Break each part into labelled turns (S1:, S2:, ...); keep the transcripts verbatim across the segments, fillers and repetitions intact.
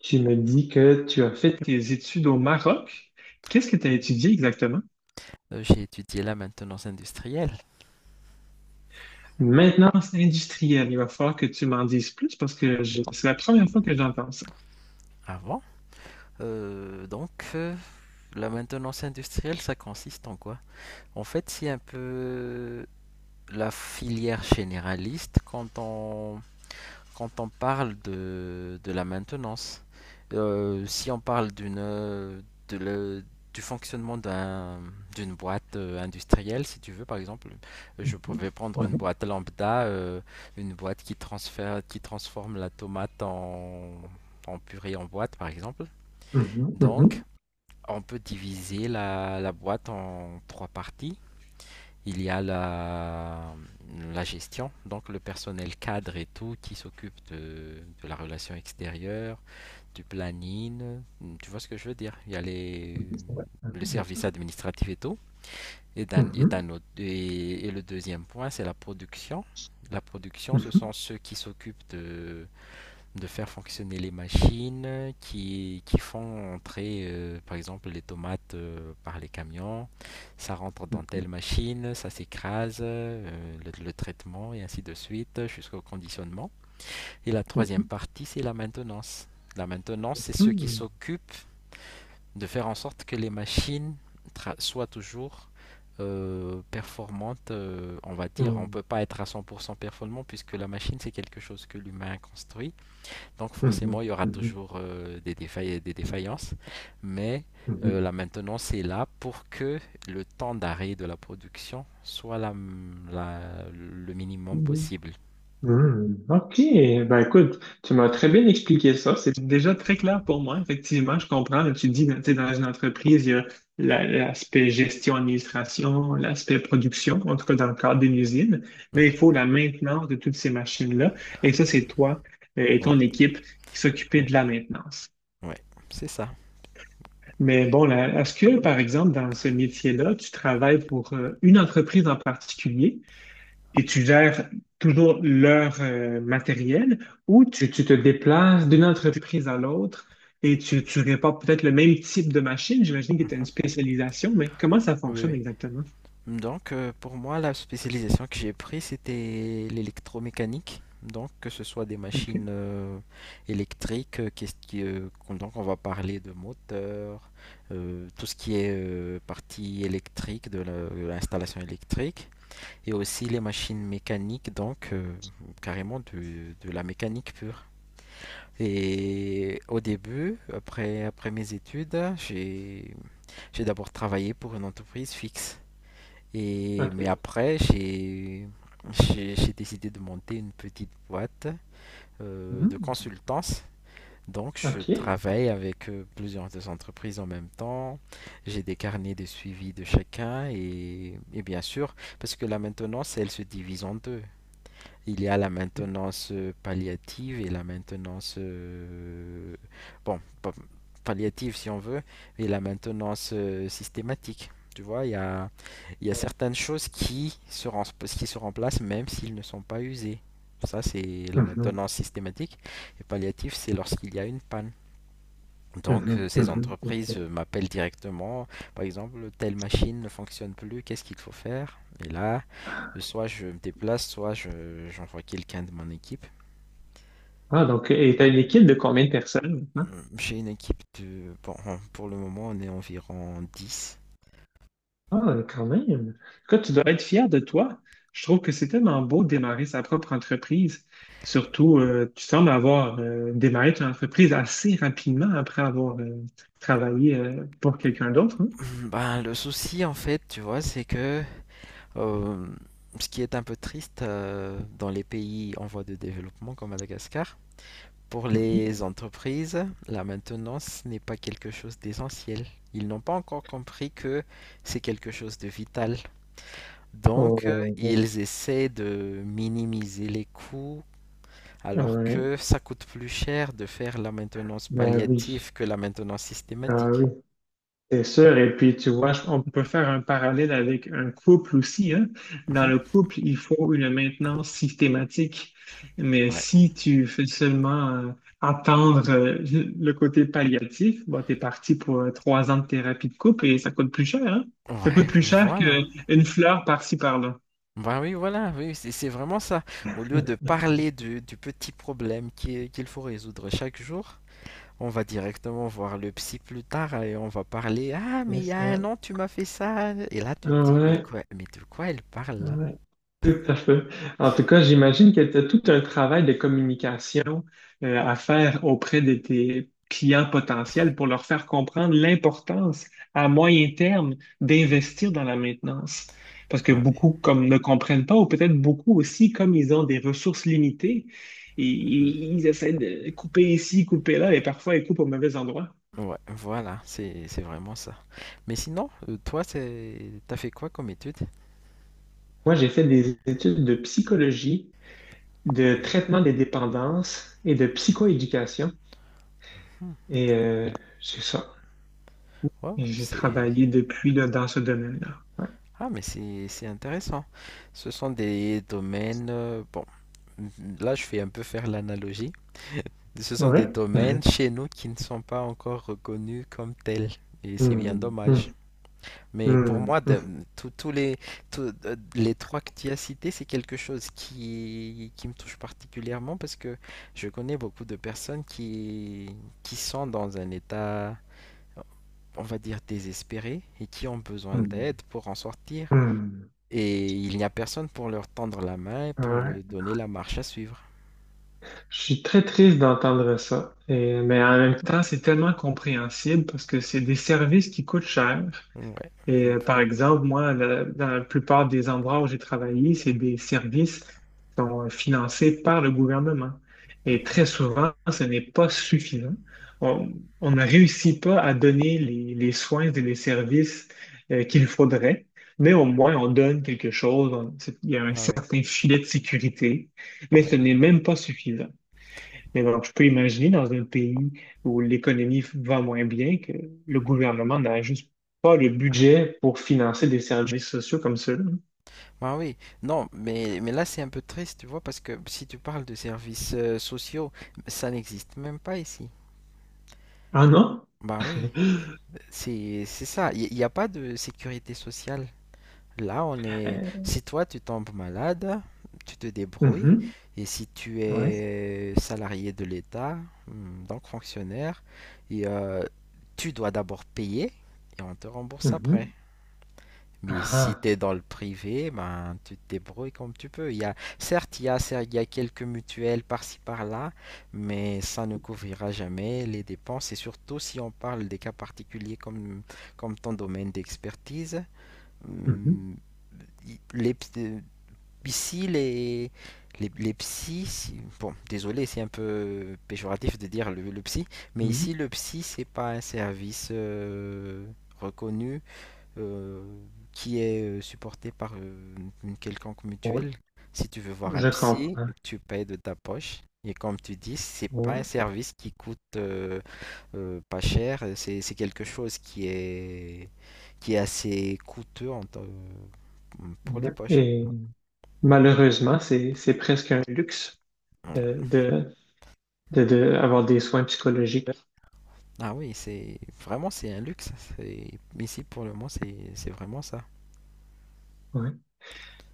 S1: Tu me dis que tu as fait tes études au Maroc. Qu'est-ce que tu as
S2: Oui.
S1: étudié exactement?
S2: Euh, J'ai étudié la maintenance industrielle
S1: Maintenance industrielle. Il va falloir que tu m'en dises plus parce que je- c'est la première fois que j'entends ça.
S2: avant. Euh, donc, euh, la maintenance industrielle, ça consiste en quoi? En fait, c'est un peu la filière généraliste quand on Quand on parle de, de la maintenance, euh, si on parle d'une, euh, de le- du fonctionnement d'un, d'une boîte euh, industrielle, si tu veux, par exemple, je
S1: Mhm.
S2: pouvais prendre
S1: Ouais.
S2: une boîte lambda, euh, une boîte qui transfère, qui transforme la tomate en, en purée en boîte, par exemple.
S1: Mhm,
S2: Donc,
S1: mhm,
S2: on peut diviser la, la boîte en trois parties. Il y a la, la gestion, donc le personnel cadre et tout qui s'occupe de, de la relation extérieure, du planning. Tu vois ce que je veux dire? Il y a
S1: mhm.
S2: les,
S1: Ouais. Mhm,
S2: Le
S1: bien sûr.
S2: service administratif et tout. Et, d'un- et
S1: Mhm,
S2: d'un autre- et- et le deuxième point, c'est la production. La production, ce
S1: mhm,
S2: sont ceux qui s'occupent de, de faire fonctionner les machines qui, qui font entrer, euh, par exemple, les tomates euh, par les camions. Ça rentre dans
S1: mhm,
S2: telle machine, ça s'écrase, euh, le, le traitement et ainsi de suite jusqu'au conditionnement. Et la troisième partie, c'est la maintenance. La maintenance, c'est ceux qui
S1: mhm,
S2: s'occupent de faire en sorte que les machines soient toujours euh, performantes, euh, on va dire. On
S1: mhm.
S2: peut pas être à cent pour cent performant puisque la machine, c'est quelque chose que l'humain construit, donc
S1: Mhm,
S2: forcément, il y aura toujours euh, des défaillances, des défaillances, mais
S1: mhm,
S2: euh, la maintenance est là pour que le temps d'arrêt de la production soit la, la- le minimum
S1: mhm, mhm.
S2: possible.
S1: Hmm, ok, ben écoute, tu m'as très bien expliqué ça. C'est déjà très clair pour moi. Effectivement, je comprends. Là, tu dis, tu sais, dans une entreprise, il y a la- l'aspect gestion, administration, l'aspect production, en tout cas dans le cadre d'une usine, mais il
S2: Mhm.
S1: faut la maintenance de toutes ces machines-là. Et ça, c'est toi euh, et
S2: Ouais,
S1: ton équipe qui s'occupez
S2: ouais,
S1: de la maintenance.
S2: ouais, c'est ça.
S1: Mais bon, la- est-ce que, par exemple, dans ce métier-là, tu travailles pour euh, une entreprise en particulier? Et tu gères toujours leur euh, matériel ou tu, tu te déplaces d'une entreprise à l'autre et
S2: Mhm.
S1: tu, tu répares peut-être le même type de machine. J'imagine que tu as une
S2: Mhm.
S1: spécialisation, mais comment ça
S2: Oui, oui.
S1: fonctionne exactement?
S2: Donc, euh, pour moi, la spécialisation que j'ai prise, c'était l'électromécanique. Donc, que ce soit des
S1: OK.
S2: machines euh, électriques, euh, qu'est-ce qui, euh, qu'on- donc on va parler de moteurs, euh, tout ce qui est euh, partie électrique de la- de l'installation électrique, et aussi les machines mécaniques, donc euh, carrément de, de la mécanique pure. Et au début, après, après mes études, j'ai, j'ai d'abord travaillé pour une entreprise fixe. Et, mais
S1: OK.
S2: après, j'ai j'ai- j'ai décidé de monter une petite boîte euh, de
S1: Mhm.
S2: consultance. Donc, je
S1: OK.
S2: travaille avec euh, plusieurs des entreprises en même temps. J'ai des carnets de suivi de chacun et, et bien sûr, parce que la maintenance, elle se divise en deux. Il y a la maintenance euh, palliative et la maintenance, euh, bon, palliative si on veut, et la maintenance euh, systématique. Tu vois, il y a, il y a certaines choses qui se, rem- qui se remplacent même s'ils ne sont pas usés. Ça, c'est la
S1: Mhm.
S2: maintenance systématique. Et palliative, c'est lorsqu'il y a une panne. Donc, euh,
S1: Mhm.
S2: ces
S1: Mhm.
S2: entreprises
S1: OK.
S2: euh, m'appellent directement. Par exemple, telle machine ne fonctionne plus, qu'est-ce qu'il faut faire? Et là, euh, soit je me déplace, soit je, j'envoie quelqu'un de mon équipe.
S1: Ah, donc, et tu as une équipe de combien de personnes maintenant?
S2: Euh, J'ai une équipe de... bon, on- pour le moment, on est environ dix.
S1: Ah, quand même. Écoute, tu dois être fier de toi. Je trouve que c'est tellement beau de démarrer sa propre entreprise. Surtout, euh, tu sembles avoir euh, démarré ton entreprise assez rapidement après avoir euh, travaillé euh, pour quelqu'un d'autre, hein.
S2: Ben, le souci, en fait, tu vois, c'est que euh, ce qui est un peu triste euh, dans les pays en voie de développement comme Madagascar, pour
S1: Mhm.
S2: les entreprises, la maintenance n'est pas quelque chose d'essentiel. Ils n'ont pas encore compris que c'est quelque chose de vital. Donc,
S1: Oh,
S2: euh,
S1: oh, oh.
S2: ils essaient de minimiser les coûts, alors
S1: Ouais.
S2: que ça coûte plus cher de faire la maintenance
S1: Ben
S2: palliative que la maintenance
S1: oui.
S2: systématique.
S1: C'est sûr, et puis tu vois, je- on peut faire un parallèle avec un couple aussi, hein. Dans
S2: Mhm.
S1: le couple, il faut une maintenance systématique, mais
S2: Ouais.
S1: si tu fais seulement euh, attendre euh, le côté palliatif, bon, t'es parti pour euh, trois ans de thérapie de couple et ça coûte plus cher, hein. Ça
S2: Ouais,
S1: coûte plus cher
S2: voilà.
S1: qu'une fleur par-ci par-là.
S2: Bah oui, voilà, oui, c'est c'est vraiment ça. Au lieu de parler du, du petit problème qui est- qu'il faut résoudre chaque jour, on va directement voir le psy plus tard et on va parler. Ah, mais
S1: C'est
S2: il y a
S1: ça.
S2: un an, tu m'as fait ça. Et là, tu te dis, mais
S1: Ouais.
S2: quoi, mais de quoi elle parle là?
S1: Ouais, tout à fait. En tout cas, j'imagine que tu as tout un travail de communication euh, à faire auprès de tes clients potentiels pour leur faire comprendre l'importance à moyen terme d'investir dans la maintenance. Parce que
S2: Ah oui.
S1: beaucoup comme ne comprennent pas, ou peut-être beaucoup aussi, comme ils ont des ressources limitées, et
S2: Mhm.
S1: ils essaient de couper ici, couper là, et parfois ils coupent au mauvais endroit.
S2: Ouais, voilà, c'est c'est vraiment ça. Mais sinon, euh, toi, c'est t'as fait quoi comme étude?
S1: Moi, j'ai fait des études de psychologie, de traitement des dépendances et de psychoéducation.
S2: Hmm.
S1: Et euh, c'est ça.
S2: Wow,
S1: Et j'ai
S2: c'est
S1: travaillé depuis là, dans ce domaine-là. Ouais.
S2: ah mais c'est c'est intéressant. Ce sont des domaines. euh, Bon, là, je fais un peu faire l'analogie. Ce sont
S1: Oui.
S2: des domaines
S1: Mhm.
S2: chez nous qui ne sont pas encore reconnus comme tels. Et c'est bien
S1: Mhm.
S2: dommage. Mais pour
S1: Mhm.
S2: moi, de-
S1: Mhm.
S2: tous tous les, tous, euh, les trois que tu as cités, c'est quelque chose qui, qui me touche particulièrement parce que je connais beaucoup de personnes qui, qui sont dans un état, on va dire, désespéré et qui ont besoin
S1: Mhm.
S2: d'aide pour en sortir.
S1: Mhm.
S2: Et il n'y a personne pour leur tendre la main et pour leur
S1: Ouais.
S2: donner la marche à suivre.
S1: Je suis très triste d'entendre ça. Et- mais en même temps, c'est tellement compréhensible parce que c'est des services qui coûtent cher.
S2: Ouais.
S1: Et euh, par exemple, moi, la- dans la plupart des endroits où j'ai travaillé, c'est des services qui sont euh, financés par le gouvernement. Et
S2: Mhm.
S1: très souvent, ce n'est pas suffisant. On, on ne réussit pas à donner les, les soins et les services euh, qu'il faudrait, mais au moins on donne quelque chose. On- c'est- il y a un
S2: Ah ouais,
S1: certain filet de sécurité, mais ce
S2: ouais.
S1: n'est même pas suffisant. Mais donc, je peux imaginer dans un pays où l'économie va moins bien que le gouvernement n'a juste pas le budget pour financer des services sociaux comme ceux-là.
S2: Ah oui, non, mais, mais là c'est un peu triste, tu vois, parce que si tu parles de services euh, sociaux, ça n'existe même pas ici.
S1: Ah non?
S2: Bah oui, c'est c'est ça, il n'y a pas de sécurité sociale. Là, on est...
S1: Euh,
S2: Si toi, tu tombes malade, tu te débrouilles,
S1: mhm,
S2: et si tu
S1: ouais,
S2: es salarié de l'État, hmm, donc fonctionnaire, et, euh, tu dois d'abord payer, et on te rembourse après.
S1: mhm,
S2: Mais si
S1: ah,
S2: tu es dans le privé, ben, tu te débrouilles comme tu peux. Il y a, certes, il y a, cer- il y a quelques mutuelles par-ci par-là, mais ça ne couvrira jamais les dépenses. Et surtout si on parle des cas particuliers comme, comme ton domaine d'expertise,
S1: mhm,
S2: hum, i- les, ps- euh, ici, les, les, les psys, si- bon, désolé, c'est un peu péjoratif de dire le, le psy, mais
S1: mhm,
S2: ici, le psy, c'est pas un service euh, reconnu euh, qui est euh, supporté par euh, une quelconque
S1: ouais,
S2: mutuelle. Si tu veux voir un
S1: je
S2: psy,
S1: comprends.
S2: tu payes de ta poche. Et comme tu dis, c'est pas un
S1: Ouais,
S2: service qui coûte euh, euh, pas cher, c'est c'est quelque chose qui est, qui est assez coûteux en te- pour les
S1: ouais.
S2: poches.
S1: Et malheureusement, c'est, c'est presque un luxe de, de, de, de avoir des soins psychologiques.
S2: Ah oui, c'est vraiment c'est un luxe. C'est- Ici pour le moment, c'est c'est vraiment ça.
S1: Ouais,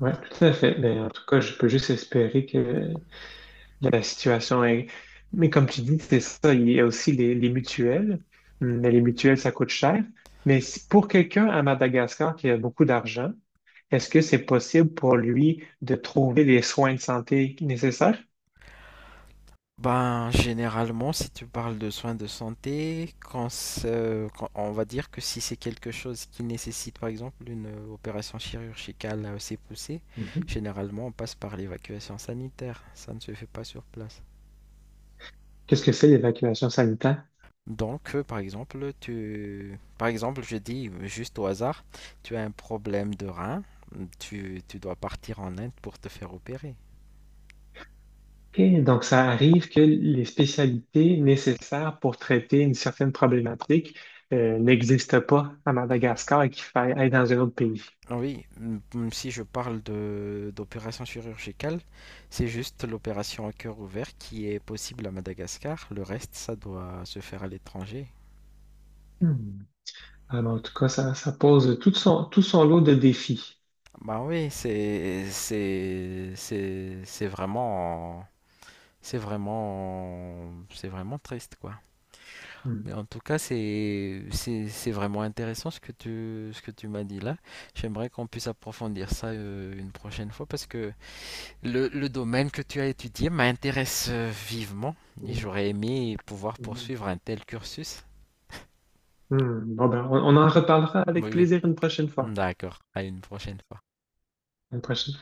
S1: ouais, tout à fait. Mais en tout cas, je peux juste espérer que la situation est... Mais comme tu dis, c'est ça, il y a aussi les, les mutuelles. Hum, Mais les mutuelles, ça coûte cher. Mais si- pour quelqu'un à Madagascar qui a beaucoup d'argent, est-ce que c'est possible pour lui de trouver les soins de santé nécessaires?
S2: Ben, généralement, si tu parles de soins de santé, quand, ce- quand- on va dire que si c'est quelque chose qui nécessite par exemple une euh, opération chirurgicale euh, assez poussée, généralement on passe par l'évacuation sanitaire. Ça ne se fait pas sur place.
S1: Qu'est-ce que c'est l'évacuation sanitaire?
S2: Donc, euh, par exemple, tu, par exemple, je dis euh, juste au hasard, tu as un problème de rein, tu, tu dois partir en Inde pour te faire opérer.
S1: OK, donc ça arrive que les spécialités nécessaires pour traiter une certaine problématique euh, n'existent pas à Madagascar et qu'il faille aller dans un autre pays.
S2: Ah oui, m- m- si je parle de d'opération chirurgicale, c'est juste l'opération à cœur ouvert qui est possible à Madagascar. Le reste, ça doit se faire à l'étranger.
S1: Hmm. Alors, en tout cas, ça, ça pose tout son, tout son lot de défis.
S2: Bah oui, c'est c'est c'est c'est vraiment c'est vraiment c'est vraiment triste quoi. Mais
S1: Hmm.
S2: en tout cas, c'est c'est c'est vraiment intéressant ce que tu ce que tu m'as dit là. J'aimerais qu'on puisse approfondir ça euh, une prochaine fois parce que Le, le domaine que tu as étudié m'intéresse euh, vivement et j'aurais aimé pouvoir
S1: Hmm.
S2: poursuivre un tel cursus.
S1: Hmm, bon ben, on, on en reparlera avec
S2: Oui, oui.
S1: plaisir une prochaine fois.
S2: D'accord, à une prochaine fois.
S1: Une prochaine